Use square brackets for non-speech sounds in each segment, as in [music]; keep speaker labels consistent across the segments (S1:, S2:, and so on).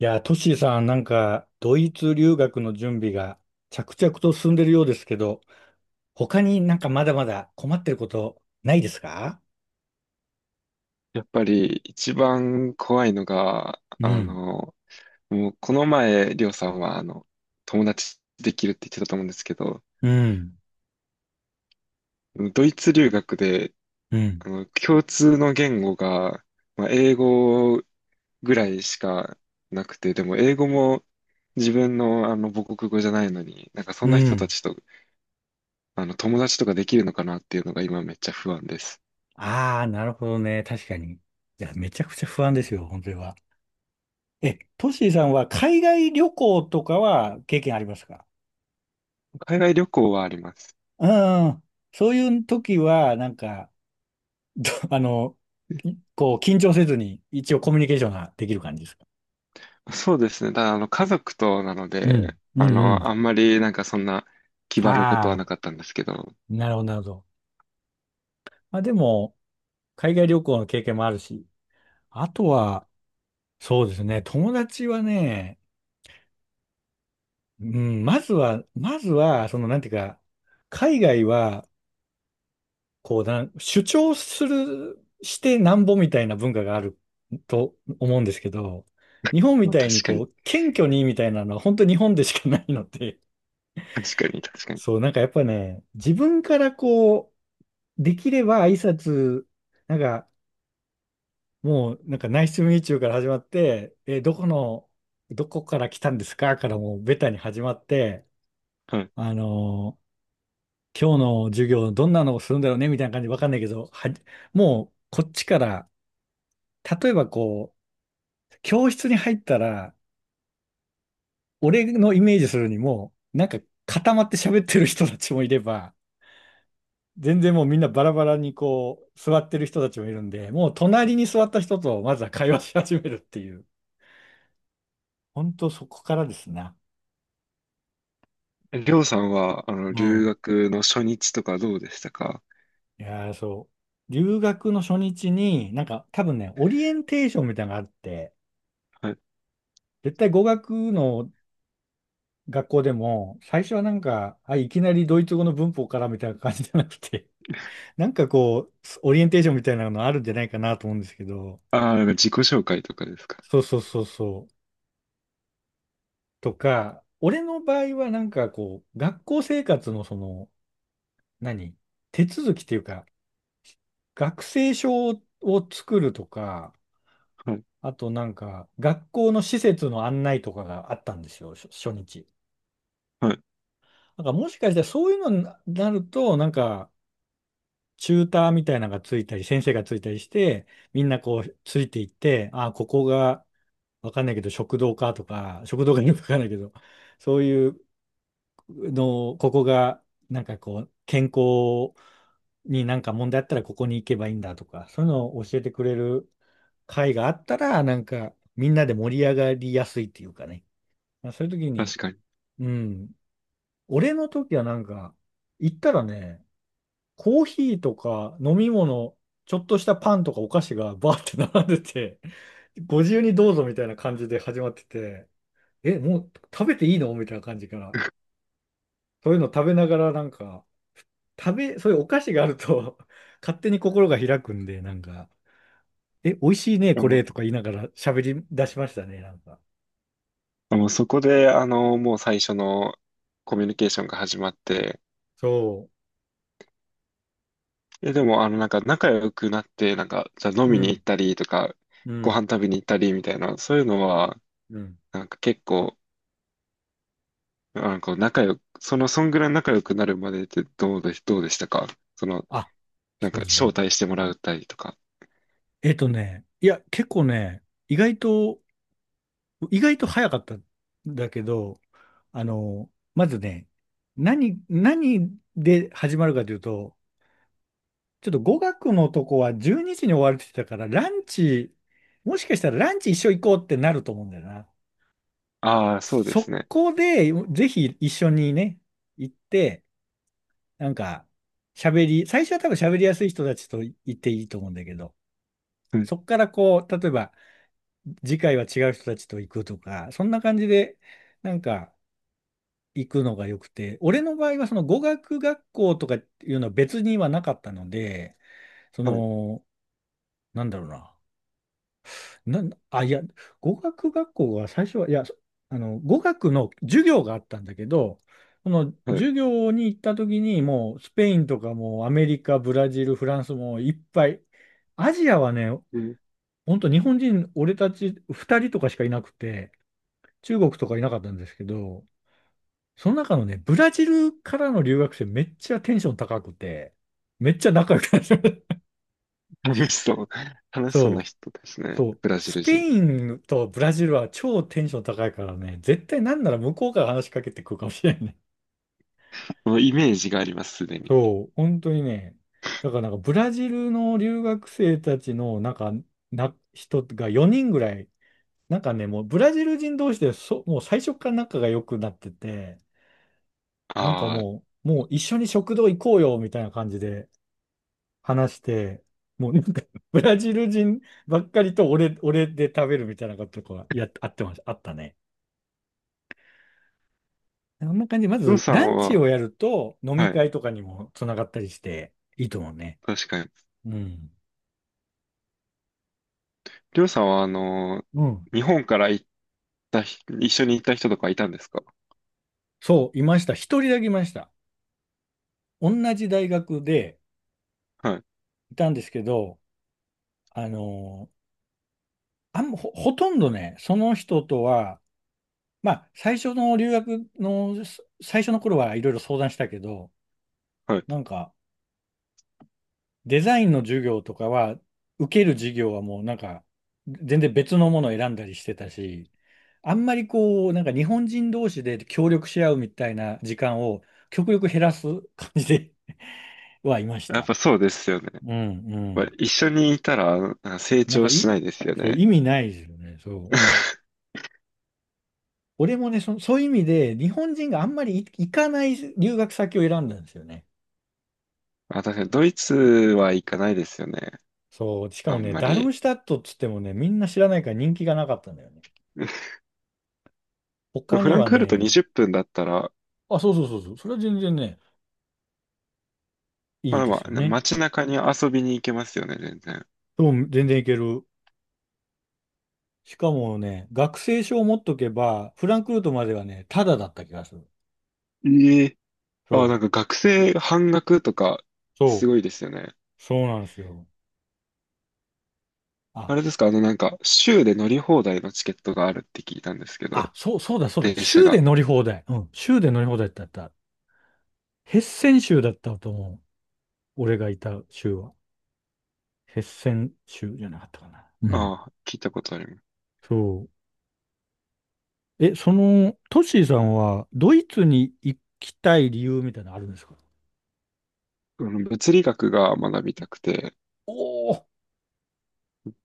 S1: いや、トッシーさん、なんか、ドイツ留学の準備が着々と進んでるようですけど、他になんかまだまだ困ってることないですか？
S2: やっぱり一番怖いのが、
S1: うん、
S2: もうこの前、りょうさんは、友達できるって言ってたと思うんですけど、
S1: うん、
S2: ドイツ留学で、
S1: うん、
S2: 共通の言語が、まあ、英語ぐらいしかなくて、でも英語も自分の、母国語じゃないのに、なんかそん
S1: う
S2: な人た
S1: ん。
S2: ちと、友達とかできるのかなっていうのが今めっちゃ不安です。
S1: ああ、なるほどね。確かに。いや、めちゃくちゃ不安ですよ、本当には。え、トッシーさんは海外旅行とかは経験ありますか？
S2: 海外旅行はあります。
S1: うん。そういう時は、なんか、[laughs] あの、いこう、緊張せずに一応コミュニケーションができる感じですか？
S2: そうですね。ただ、家族となの
S1: うん、
S2: で、
S1: うん、うん。
S2: あんまりなんかそんな気張ること
S1: あ
S2: はな
S1: あ。
S2: かったんですけど、
S1: なるほど、なるほど。まあでも、海外旅行の経験もあるし、あとは、そうですね、友達はね、うん、まずは、その、なんていうか、海外は、こうなん、主張する、してなんぼみたいな文化があると思うんですけど、日本み
S2: まあ、
S1: たいに
S2: 確か
S1: こ
S2: に、
S1: う、謙虚にみたいなのは本当日本でしかないので、
S2: 確かに、確
S1: [laughs]
S2: かに。
S1: そう、なんかやっぱね、自分からこう、できれば挨拶、なんか、もうなんかナイスミーチューから始まって、え、どこの、どこから来たんですかからもうベタに始まって、
S2: はい。
S1: あのー今日の授業どんなのをするんだろうねみたいな感じわかんないけど、もうこっちから、例えばこう、教室に入ったら、俺のイメージするにも、なんか固まって喋ってる人たちもいれば、全然もうみんなバラバラにこう、座ってる人たちもいるんで、もう隣に座った人とまずは会話し始めるっていう、本当そこからですな。
S2: えりょうさんは、
S1: う
S2: 留
S1: ん。
S2: 学の初日とかどうでしたか？
S1: いやー、そう。留学の初日に、なんか多分ね、オリエンテーションみたいなのがあって、
S2: はい。
S1: 絶対語学の学校でも、最初はなんか、あ、いきなりドイツ語の文法からみたいな感じじゃなくて、[laughs] なんかこう、オリエンテーションみたいなのあるんじゃないかなと思うんですけど、
S2: ああ、なんか自己紹介とかですか？
S1: そうそうそうそう。とか、俺の場合はなんかこう、学校生活のその、何手続きっていうか、学生証を作るとか、
S2: はい。
S1: あとなんか、学校の施設の案内とかがあったんですよ、初日。
S2: はい。
S1: なんかもしかしたらそういうのになると、なんか、チューターみたいなのがついたり、先生がついたりして、みんなこう、ついていって、ああ、ここが、わかんないけど、食堂かとか、食堂がよくわかんないけど、そういうの、ここが、なんかこう、健康になんか問題あったら、ここに行けばいいんだとか、そういうのを教えてくれる会があったら、なんか、みんなで盛り上がりやすいっていうかね。まあ、そういう時に、
S2: 確かに。
S1: うん、俺の時はなんか、行ったらね、コーヒーとか飲み物、ちょっとしたパンとかお菓子がバーって並んでて、ご自由にどうぞみたいな感じで始まってて、え、もう食べていいのみたいな感じから。そういうの食べながらなんか、そういうお菓子があると [laughs] 勝手に心が開くんで、なんか、え、美味しいね、
S2: あ
S1: こ
S2: もう、
S1: れとか言いながら喋り出しましたね、なんか。
S2: あもうそこで、もう最初のコミュニケーションが始まって、
S1: そ
S2: でも、なんか仲良くなって、なんか、じゃあ
S1: う。
S2: 飲
S1: う
S2: みに行
S1: ん、
S2: ったりとか、
S1: う
S2: ご
S1: ん、
S2: 飯食べに行ったりみたいな、そういうのは、
S1: うん。
S2: なんか結構、あ、こう仲良く、そんぐらい仲良くなるまでってどうでしたか？その、
S1: あ、
S2: なん
S1: そ
S2: か、
S1: うです
S2: 招
S1: ね。
S2: 待してもらったりとか。
S1: いや、結構ね、意外と早かったんだけど、あの、まずね、何で始まるかというと、ちょっと語学のとこは12時にじに終わるって言ってたから、ランチ、もしかしたらランチ一緒行こうってなると思うんだよな。
S2: ああ、そうです
S1: そ
S2: ね。
S1: こで、ぜひ一緒にね、行って、なんか、最初は多分喋りやすい人たちと行っていいと思うんだけど、
S2: うん、
S1: そこからこう、例えば、次回は違う人たちと行くとか、そんな感じで、なんか行くのが良くて、俺の場合はその語学学校とかっていうのは別にはなかったので、そ
S2: はい、
S1: の、なんだろうな。いや、語学学校は最初は、いや、そあの、語学の授業があったんだけど、その
S2: はい。
S1: 授業に行った時にもうスペインとかもうアメリカ、ブラジル、フランスもいっぱい、アジアはね、
S2: うん、
S1: 本当日本人、俺たち2人とかしかいなくて、中国とかいなかったんですけど、その中のね、ブラジルからの留学生めっちゃテンション高くて、めっちゃ仲良くなる。[laughs]
S2: 楽しそう。楽しそうな
S1: そ
S2: 人です
S1: う、
S2: ね。
S1: そう。
S2: ブラジ
S1: ス
S2: ル
S1: ペ
S2: 人。
S1: インとブラジルは超テンション高いからね、絶対なんなら向こうから話しかけてくるかもしれないね。
S2: もうイメージがあります、すでに。
S1: そう、本当にね。だからなんかブラジルの留学生たちのなんか、人が4人ぐらい、なんかね、もうブラジル人同士でもう最初から仲が良くなってて、なんか
S2: ああ、
S1: もう、もう一緒に食堂行こうよみたいな感じで話して、もうなんか [laughs] ブラジル人ばっかりと俺、[laughs] 俺で食べるみたいなことがあってました、あったね。そんな感じで、ま
S2: りょう
S1: ず
S2: さん
S1: ランチ
S2: は、
S1: をやると飲み
S2: はい、
S1: 会とかにもつながったりしていいと思うね。
S2: 確かに。
S1: うん。
S2: りょうさんは、
S1: うん。
S2: 日本から行ったひ、一緒に行った人とかいたんですか？
S1: そう、いました。一人だけいました。同じ大学で
S2: はい、
S1: いたんですけど、あのーほとんどね、その人とはまあ、最初の留学の、最初の頃はいろいろ相談したけど、
S2: はい。
S1: なんか、デザインの授業とかは、受ける授業はもうなんか、全然別のものを選んだりしてたし、あんまりこう、なんか日本人同士で協力し合うみたいな時間を極力減らす感じで [laughs] はいまし
S2: やっ
S1: た。
S2: ぱそうですよね。
S1: うん、う
S2: やっぱ
S1: ん。
S2: 一緒にいたら、成
S1: なんか
S2: 長しな
S1: い、
S2: いですよ
S1: そう、
S2: ね。
S1: 意味ないですよね、そう。
S2: [laughs]
S1: 俺もね、そういう意味で、日本人があんまり行かない留学先を選んだんですよね。
S2: あ、確かにドイツは行かないですよね。
S1: そう、しか
S2: あ
S1: も
S2: ん
S1: ね、
S2: ま
S1: ダル
S2: り。
S1: ムシュタットっつってもね、みんな知らないから人気がなかったんだよね。
S2: [laughs]
S1: 他
S2: フ
S1: に
S2: ラン
S1: は
S2: クフルト
S1: ね、
S2: 20分だったら、
S1: あ、そうそうそうそう、それは全然ね、い
S2: ま
S1: い
S2: あ
S1: で
S2: ま
S1: す
S2: あ、
S1: よね。
S2: 街中に遊びに行けますよね、全然。
S1: そう、全然いける。しかもね、学生証を持っとけば、フランクフルトまではね、タダだった気がする。
S2: ええ。
S1: そ
S2: あ、な
S1: う、
S2: んか学生半額とか、す
S1: そう、
S2: ごいですよね。
S1: そうなんですよ。
S2: あ
S1: あ、
S2: れですか、なんか、州で乗り放題のチケットがあるって聞いたんですけ
S1: あ、
S2: ど、
S1: そう、そうだ、そうだ、
S2: 電車
S1: 州で
S2: が。
S1: 乗り放題。うん、州で乗り放題だった。ヘッセン州だったと思う。俺がいた州は。ヘッセン州じゃなかったかな。うん。
S2: ああ、聞いたことあります。
S1: そう。え、その、トッシーさんは、ドイツに行きたい理由みたいなのあるんですか？
S2: 物理学が学びたくて、
S1: おおー、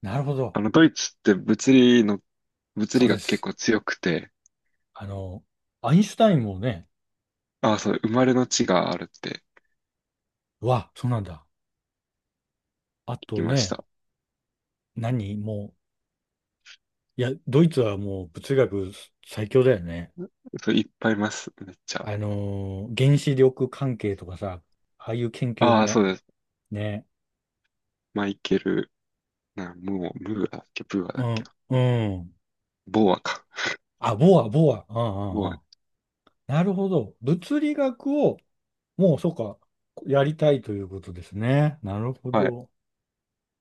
S1: なるほど。
S2: ドイツって物
S1: そ
S2: 理
S1: うで
S2: 学結
S1: す。
S2: 構強くて、
S1: あの、アインシュタインもね、
S2: ああ、そう、生まれの地があるって
S1: うわ、そうなんだ。あ
S2: 聞き
S1: と
S2: まし
S1: ね、
S2: た。
S1: もう、いや、ドイツはもう物理学最強だよね。
S2: そういっぱいいます。めっちゃ。
S1: 原子力関係とかさ、ああいう研究
S2: ああ、そ
S1: も、
S2: うです。
S1: ね、
S2: マイケル、な、もう、ムーアだっけ、ブーア
S1: う
S2: だっけ
S1: ん、
S2: な。
S1: うん。
S2: ボーアか。
S1: あ、ボア、ボア、うん、うん、
S2: ボ
S1: う
S2: ー
S1: ん。なるほど。物理学をもう、そうか。やりたいということですね。なるほ
S2: ア。はい。
S1: ど。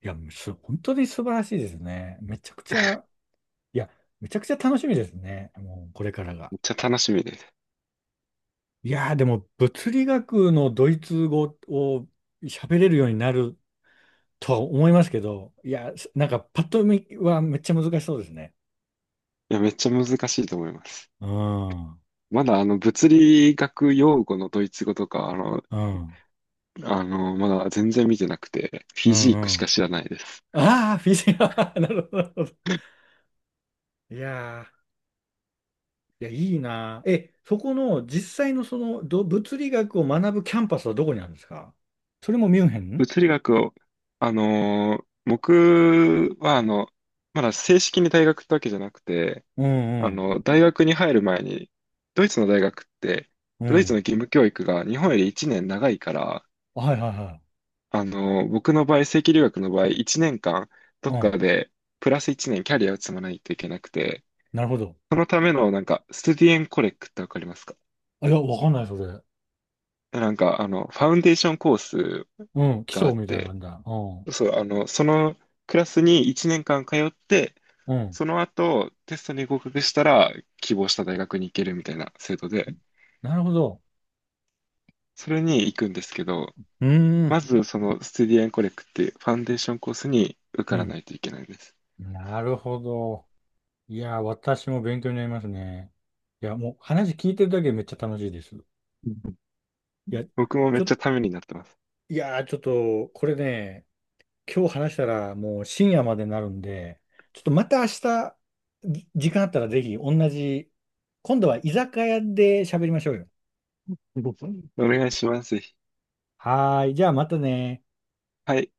S1: いや、本当に素晴らしいですね。めちゃくちゃ、いや、めちゃくちゃ楽しみですね。もう、これからが。
S2: めっちゃ楽しみです。
S1: いやー、でも、物理学のドイツ語を喋れるようになるとは思いますけど、いや、なんか、パッと見はめっちゃ難しそうですね。
S2: いや、めっちゃ難しいと思います。
S1: うん、うん、
S2: まだ、物理学用語のドイツ語とか、
S1: うん、
S2: まだ全然見てなくて、フ
S1: う
S2: ィジークしか
S1: ん。
S2: 知らないです。
S1: ああ、フィジカル、[laughs] なるほど。なるほど。
S2: [laughs]
S1: いやー。いや、いいな。え、そこの実際のその物理学を学ぶキャンパスはどこにあるんですか？それもミュンヘン。
S2: 物理学を、僕はまだ正式に大学ってわけじゃなくて、
S1: うん
S2: 大学に入る前に、ドイツの大学って、
S1: うん。
S2: ド
S1: う
S2: イツの
S1: ん。
S2: 義務教育が日本より1年長いから、
S1: はいはいはい。
S2: 僕の場合、正規留学の場合、1年間、ど
S1: う
S2: っか
S1: ん。
S2: で、プラス1年キャリアを積まないといけなくて、
S1: なるほど。
S2: そのための、なんか、スティエンコレックってわかりますか？
S1: あ、いや、わかんない、それ。
S2: なんか、ファウンデーションコース
S1: うん。基
S2: があ
S1: 礎
S2: っ
S1: みたいな感
S2: て、
S1: じだ。うん。
S2: そう、そのクラスに1年間通って、
S1: うん。
S2: その後、テストに合格したら、希望した大学に行けるみたいな制度で、
S1: なるほど。
S2: それに行くんですけど、
S1: うー
S2: ま
S1: ん。
S2: ずそのステディアンコレクっていうファンデーションコースに受
S1: う
S2: から
S1: ん。
S2: ないといけないです。
S1: なるほど。いや、私も勉強になりますね。いや、もう話聞いてるだけでめっちゃ楽しいです。い
S2: うん、
S1: や、
S2: 僕も
S1: ち
S2: めっ
S1: ょ、
S2: ちゃためになってます。
S1: いや、ちょっと、これね、今日話したらもう深夜までになるんで、ちょっとまた明日、時間あったらぜひ同じ、今度は居酒屋で喋りましょうよ。
S2: お願いします。ぜひ。
S1: はーい、じゃあまたね。
S2: はい。